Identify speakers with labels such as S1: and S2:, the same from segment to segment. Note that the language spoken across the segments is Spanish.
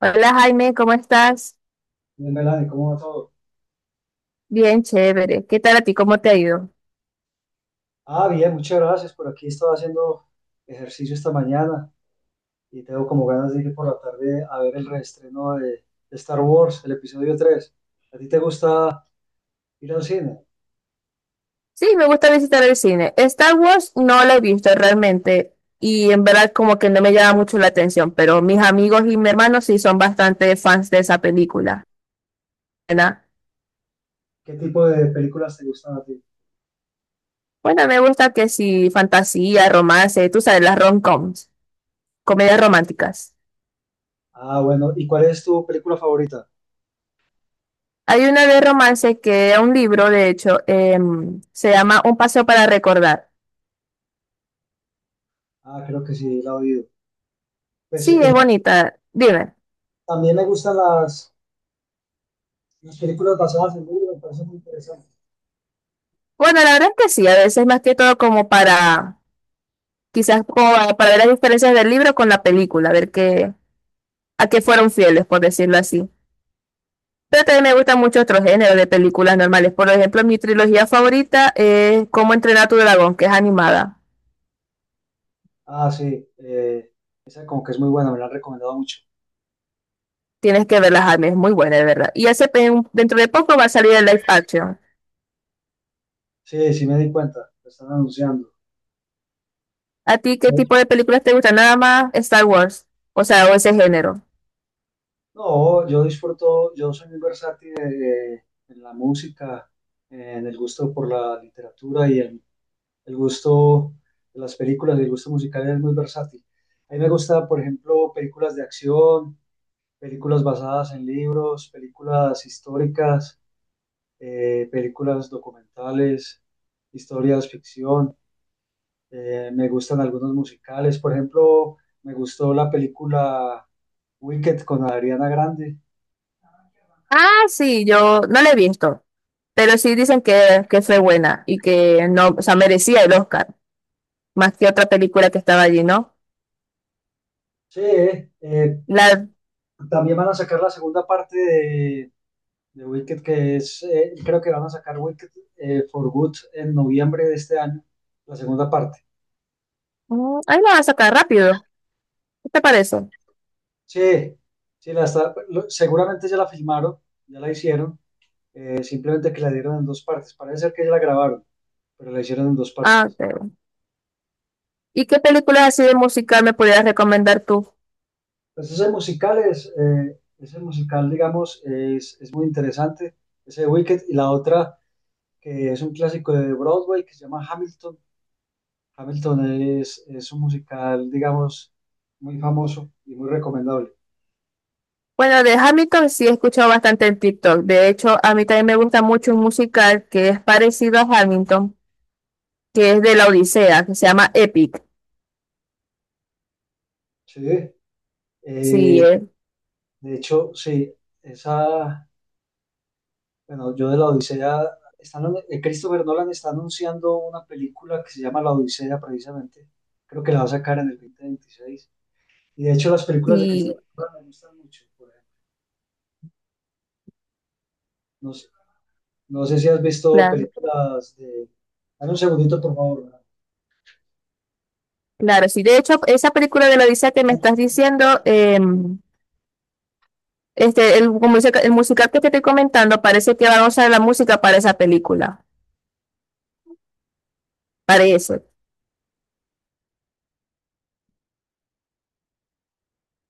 S1: Hola Jaime, ¿cómo estás?
S2: Bien, Melanie, ¿cómo va todo?
S1: Bien, chévere. ¿Qué tal a ti? ¿Cómo te ha ido?
S2: Bien, muchas gracias. Por aquí estaba haciendo ejercicio esta mañana y tengo como ganas de ir por la tarde a ver el reestreno de Star Wars, el episodio 3. ¿A ti te gusta ir al cine?
S1: Sí, me gusta visitar el cine. Star Wars no lo he visto realmente y en verdad como que no me llama mucho la atención, pero mis amigos y mi hermano sí son bastante fans de esa película. ¿Verdad?
S2: ¿Qué tipo de películas te gustan a ti?
S1: Bueno, me gusta que sí, fantasía, romance, tú sabes, las rom-coms, comedias románticas.
S2: Bueno, ¿y cuál es tu película favorita?
S1: Hay una de romance que es un libro, de hecho, se llama Un paseo para recordar.
S2: Creo que sí, la he oído. Pues
S1: Sí, es bonita. Dime.
S2: también me gustan las películas basadas en libros, me parecen muy interesantes.
S1: Bueno, la verdad es que sí, a veces más que todo como para, quizás como para ver las diferencias del libro con la película, ver qué, a qué fueron fieles, por decirlo así. Pero también me gustan mucho otros géneros de películas normales. Por ejemplo, mi trilogía favorita es Cómo entrenar a tu dragón, que es animada.
S2: Ah, sí, eh, Esa como que es muy buena, me la han recomendado mucho.
S1: Tienes que verla, Jaime, es muy buena, de verdad. Y hace dentro de poco va a salir el live action.
S2: Sí, sí me di cuenta, la están anunciando.
S1: ¿A ti qué tipo de películas te gustan? Nada más Star Wars, o sea, o ese género.
S2: No, yo disfruto, yo soy muy versátil en la música, en el gusto por la literatura y el gusto de las películas, el gusto musical es muy versátil. A mí me gusta, por ejemplo, películas de acción, películas basadas en libros, películas históricas, películas documentales, historias ficción. Me gustan algunos musicales, por ejemplo, me gustó la película Wicked con Adriana Grande.
S1: Ah, sí, yo no la he visto. Pero sí dicen que, fue buena y que no, o sea, merecía el Oscar, más que otra película que estaba allí, ¿no?
S2: Sí, eh,
S1: La,
S2: También van a sacar la segunda parte de Wicked, que es, creo que van a sacar Wicked for Good en noviembre de este año, la segunda parte.
S1: Ahí la vas a sacar rápido. ¿Qué te parece?
S2: Sí, seguramente ya la filmaron, ya la hicieron, simplemente que la dieron en dos partes. Parece ser que ya la grabaron, pero la hicieron en dos
S1: Ah,
S2: partes.
S1: ok. ¿Y qué películas así de musical me pudieras recomendar tú?
S2: Entonces el musical es, ese musical, digamos, es muy interesante, ese de Wicked, y la otra que es un clásico de Broadway que se llama Hamilton. Hamilton es un musical, digamos, muy famoso y muy recomendable.
S1: Bueno, de Hamilton sí he escuchado bastante en TikTok. De hecho, a mí también me gusta mucho un musical que es parecido a Hamilton, que es de la Odisea, que se llama Epic.
S2: Sí,
S1: Sí,
S2: eh, de hecho, sí, esa, bueno, yo de la Odisea, Christopher Nolan está anunciando una película que se llama La Odisea precisamente. Creo que la va a sacar en el 2026. Y de hecho las películas de
S1: sí,
S2: Christopher Nolan me gustan mucho, por ejemplo. No sé, no sé si has visto
S1: claro,
S2: películas de... Dame un segundito, por favor.
S1: claro. Sí, de hecho, esa película de la Odisea que me estás diciendo, el musical que te estoy comentando, parece que van a usar la música para esa película. Parece.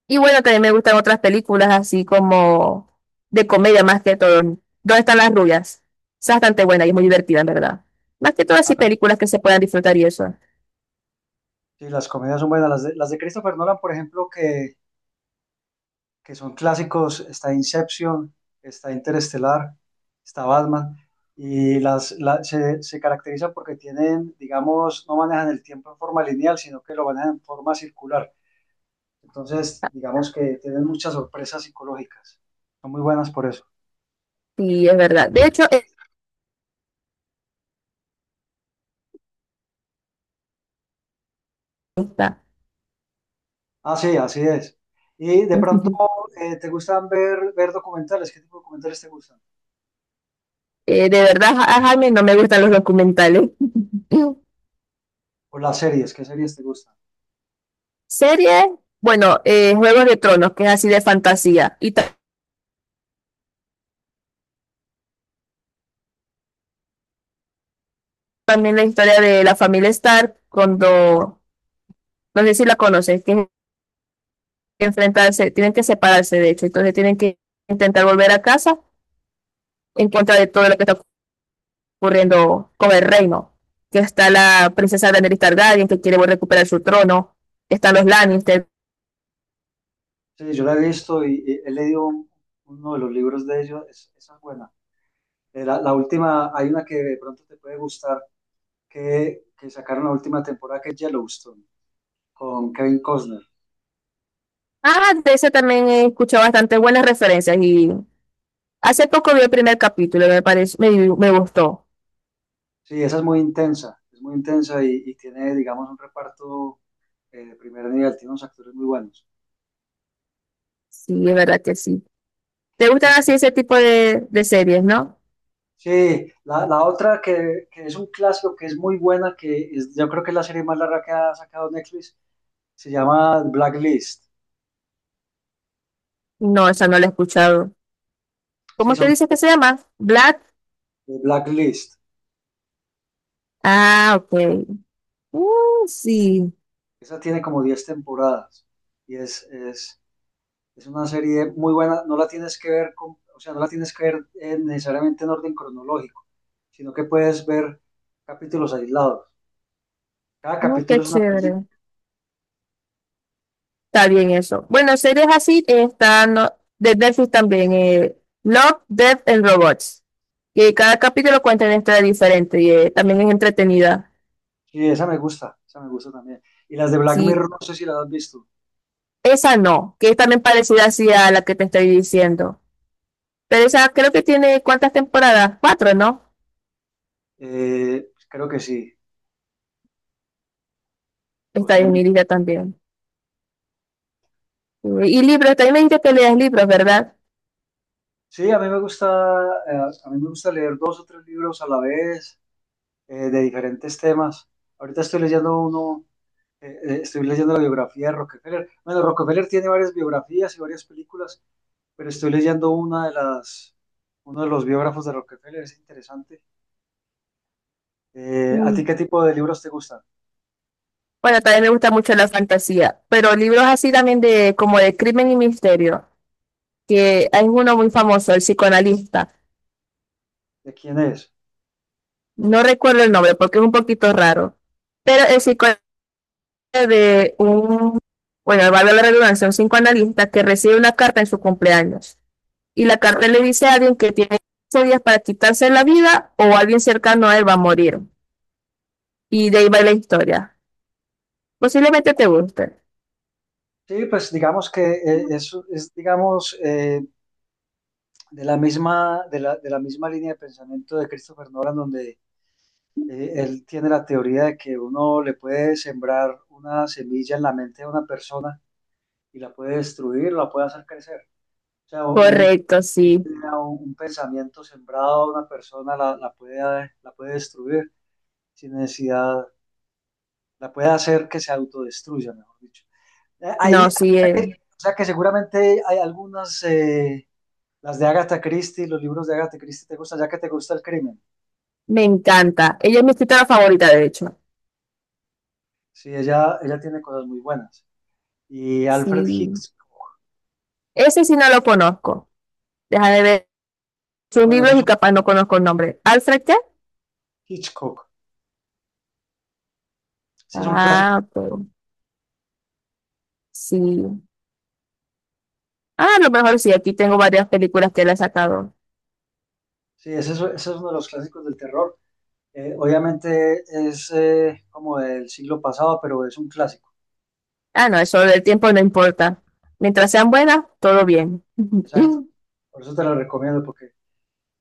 S1: Y bueno, también me gustan otras películas así como de comedia más que todo. ¿Dónde están las rubias? Esa es bastante buena y es muy divertida, en verdad. Más que todo así
S2: Ah,
S1: películas que se puedan disfrutar y eso.
S2: sí, las comedias son buenas. Las de Christopher Nolan, por ejemplo, que son clásicos, está Inception, está Interestelar, está Batman, se caracteriza porque tienen, digamos, no manejan el tiempo en forma lineal, sino que lo manejan en forma circular. Entonces, digamos que tienen muchas sorpresas psicológicas. Son muy buenas por eso.
S1: Sí, es verdad. De hecho, es esta.
S2: Sí, así es. Y de pronto, ¿te gustan ver documentales? ¿Qué tipo de documentales te gustan?
S1: De verdad, a Jaime no me gustan los documentales.
S2: O las series, ¿qué series te gustan?
S1: Series, bueno, Juegos de Tronos, que es así de fantasía. Y también la historia de la familia Stark cuando, no sé si la conoces, tienen que enfrentarse, tienen que separarse de hecho, entonces tienen que intentar volver a casa en contra de todo lo que está ocurriendo con el reino, que está la princesa Daenerys Targaryen que quiere volver a recuperar su trono, están los Lannister.
S2: Sí, yo la he visto y he leído uno de los libros de ellos, esa es buena. La última, hay una que de pronto te puede gustar, que sacaron la última temporada, que es Yellowstone, con Kevin Costner.
S1: Ah, de ese también he escuchado bastante buenas referencias y hace poco vi el primer capítulo, me pareció, me gustó.
S2: Sí, esa es muy intensa y tiene, digamos, un reparto de primer nivel, tiene unos actores muy buenos.
S1: Sí, es verdad que sí. ¿Te
S2: Y
S1: gustan así ese tipo de, series, no?
S2: sí, la otra que es un clásico, que es muy buena, yo creo que es la serie más larga que ha sacado Netflix, se llama Blacklist.
S1: No, esa no la he escuchado.
S2: Sí,
S1: ¿Cómo te
S2: son
S1: dice que se llama? Black.
S2: Blacklist.
S1: Ah, ok. Sí.
S2: Esa tiene como 10 temporadas y es una serie muy buena, no la tienes que ver con, o sea, no la tienes que ver necesariamente en orden cronológico, sino que puedes ver capítulos aislados. Cada
S1: Qué
S2: capítulo es una
S1: chévere.
S2: película.
S1: Está bien eso. Bueno, series así están no, de Netflix también. Love, Death and Robots. Que cada capítulo cuenta una historia diferente y también es entretenida.
S2: Sí, esa me gusta también. Y las de Black
S1: Sí,
S2: Mirror, no sé si las has visto.
S1: esa no, que es también parecida así a la que te estoy diciendo. Pero esa creo que tiene, ¿cuántas temporadas? ¿Cuatro, no?
S2: Pues creo que sí,
S1: Está en mi
S2: posiblemente.
S1: lista también. Y libros, también me dijiste que leas libros, ¿verdad?
S2: Sí, a mí me gusta, eh, a mí me gusta leer dos o tres libros a la vez de diferentes temas. Ahorita estoy leyendo uno, estoy leyendo la biografía de Rockefeller. Bueno, Rockefeller tiene varias biografías y varias películas. Pero estoy leyendo una de uno de los biógrafos de Rockefeller, es interesante. ¿A ti
S1: Mm,
S2: qué tipo de libros te gustan?
S1: Bueno, también me gusta mucho la fantasía, pero libros así también de como de crimen y misterio, que hay uno muy famoso, el psicoanalista.
S2: ¿De quién es?
S1: No recuerdo el nombre porque es un poquito raro, pero el psicoanalista de un, bueno, valga la redundancia, un psicoanalista que recibe una carta en su cumpleaños y la carta le dice a alguien que tiene 15 días para quitarse la vida o alguien cercano a él va a morir. Y de ahí va la historia. Posiblemente te guste.
S2: Sí, pues digamos que digamos, de la misma, de la misma línea de pensamiento de Christopher Nolan, donde él tiene la teoría de que uno le puede sembrar una semilla en la mente de una persona y la puede destruir, la puede hacer crecer. O sea,
S1: Correcto, sí.
S2: un pensamiento sembrado a una persona la puede destruir. Sin necesidad, la puede hacer que se autodestruya, mejor dicho. Eh,
S1: No,
S2: ahí,
S1: sí.
S2: o sea que seguramente hay algunas, las de Agatha Christie, los libros de Agatha Christie te gustan, ya que te gusta el crimen.
S1: Me encanta. Ella es mi escritora favorita, de hecho.
S2: Sí, ella tiene cosas muy buenas. Y Alfred
S1: Sí.
S2: Hitchcock,
S1: Ese sí no lo conozco. Deja de ver sus
S2: bueno,
S1: libros
S2: ese es
S1: y
S2: un
S1: capaz no conozco el nombre. ¿Alfred qué?
S2: Hitchcock, ese es un clásico.
S1: Ah, ok. Sí. Ah, a lo mejor sí. Aquí tengo varias películas que él ha sacado.
S2: Sí, ese es uno de los clásicos del terror. Obviamente es como del siglo pasado, pero es un clásico.
S1: Ah, no, eso del tiempo no importa. Mientras sean buenas, todo bien.
S2: Exacto. Por eso te lo recomiendo, porque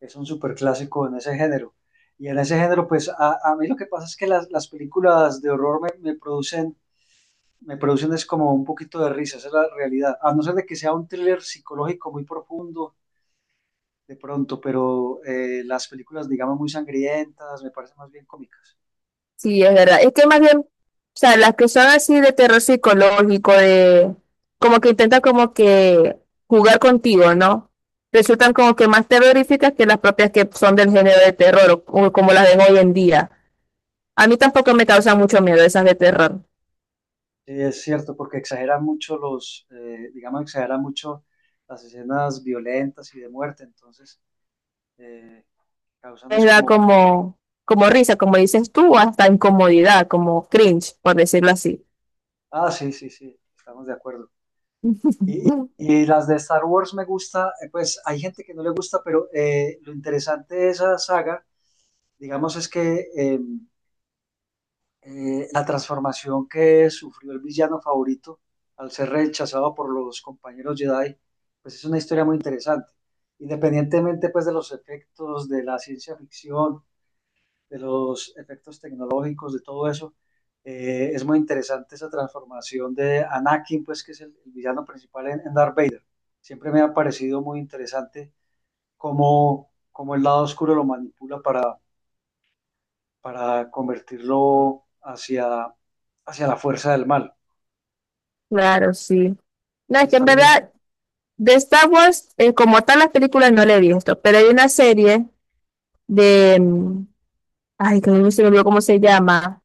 S2: es un superclásico en ese género. Y en ese género, pues a mí lo que pasa es que las películas de horror me producen es como un poquito de risa, esa es la realidad. A no ser de que sea un thriller psicológico muy profundo de pronto, pero las películas, digamos, muy sangrientas, me parecen más bien cómicas.
S1: Sí, es verdad. Es que más bien, o sea, las que son así de terror psicológico, de como que intentan como que jugar contigo, ¿no? Resultan como que más terroríficas que las propias que son del género de terror o como las de hoy en día. A mí tampoco me causan mucho miedo esas de terror.
S2: Sí, es cierto, porque exageran mucho digamos, exageran mucho las escenas violentas y de muerte, entonces eh, causan
S1: Me
S2: es
S1: da
S2: como,
S1: como risa, como dices tú, o hasta incomodidad, como cringe, por decirlo así.
S2: ah, sí, sí, sí, estamos de acuerdo. Y y las de Star Wars me gusta, pues hay gente que no le gusta, pero lo interesante de esa saga, digamos, es que la transformación que sufrió el villano favorito al ser rechazado por los compañeros Jedi, pues es una historia muy interesante. Independientemente pues de los efectos de la ciencia ficción, de los efectos tecnológicos, de todo eso. Es muy interesante esa transformación de Anakin, pues que es el villano principal en Darth Vader. Siempre me ha parecido muy interesante cómo, cómo el lado oscuro lo manipula para convertirlo hacia, hacia la fuerza del mal.
S1: Claro, sí. No,
S2: Ahí
S1: es que
S2: está
S1: en
S2: bien.
S1: verdad, de Star Wars, como tal, las películas no le he visto, pero hay una serie de, ay, que no se me olvidó cómo se llama,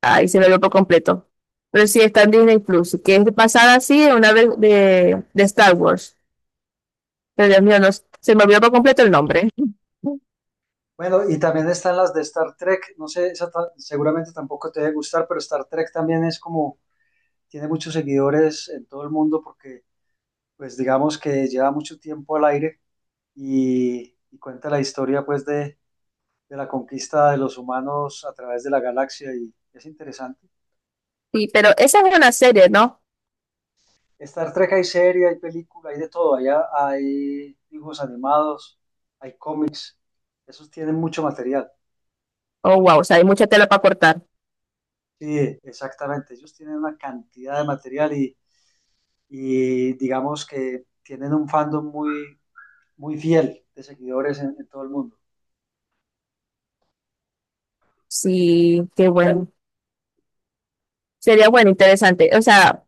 S1: ay, se me olvidó por completo, pero sí, está en Disney Plus, que es basada así en una vez de Star Wars, pero Dios mío, no, se me olvidó por completo el nombre.
S2: Bueno, y también están las de Star Trek. No sé, seguramente tampoco te debe gustar, pero Star Trek también es como, tiene muchos seguidores en todo el mundo porque pues digamos que lleva mucho tiempo al aire y cuenta la historia pues de la conquista de los humanos a través de la galaxia y es interesante.
S1: Sí, pero esa es una serie, ¿no?
S2: Star Trek hay serie, hay película, hay de todo, allá hay dibujos animados, hay cómics, esos tienen mucho material.
S1: Oh, wow, o sea, hay mucha tela para cortar.
S2: Sí, exactamente, ellos tienen una cantidad de material y digamos que tienen un fandom muy, muy fiel de seguidores en todo el mundo.
S1: Sí, qué bueno. Sería bueno, interesante. O sea,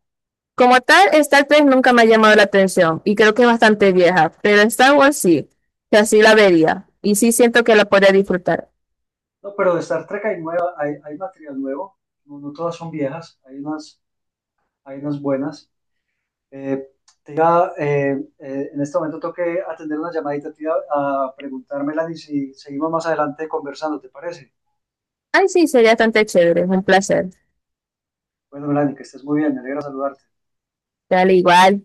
S1: como tal, Star Trek nunca me ha llamado la atención y creo que es bastante vieja, pero Star Wars sí, que así la vería y sí siento que la podría disfrutar.
S2: No, pero de Star Trek hay nueva, hay material nuevo, no, no todas son viejas, hay unas buenas. Eh, te iba, eh, en este momento tengo que atender una llamadita, te iba a preguntar, Melanie, si seguimos más adelante conversando, ¿te parece?
S1: Ay, sí, sería bastante chévere, es un placer.
S2: Bueno, Melanie, que estés muy bien, me alegra saludarte.
S1: Dale igual.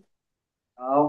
S2: Chao.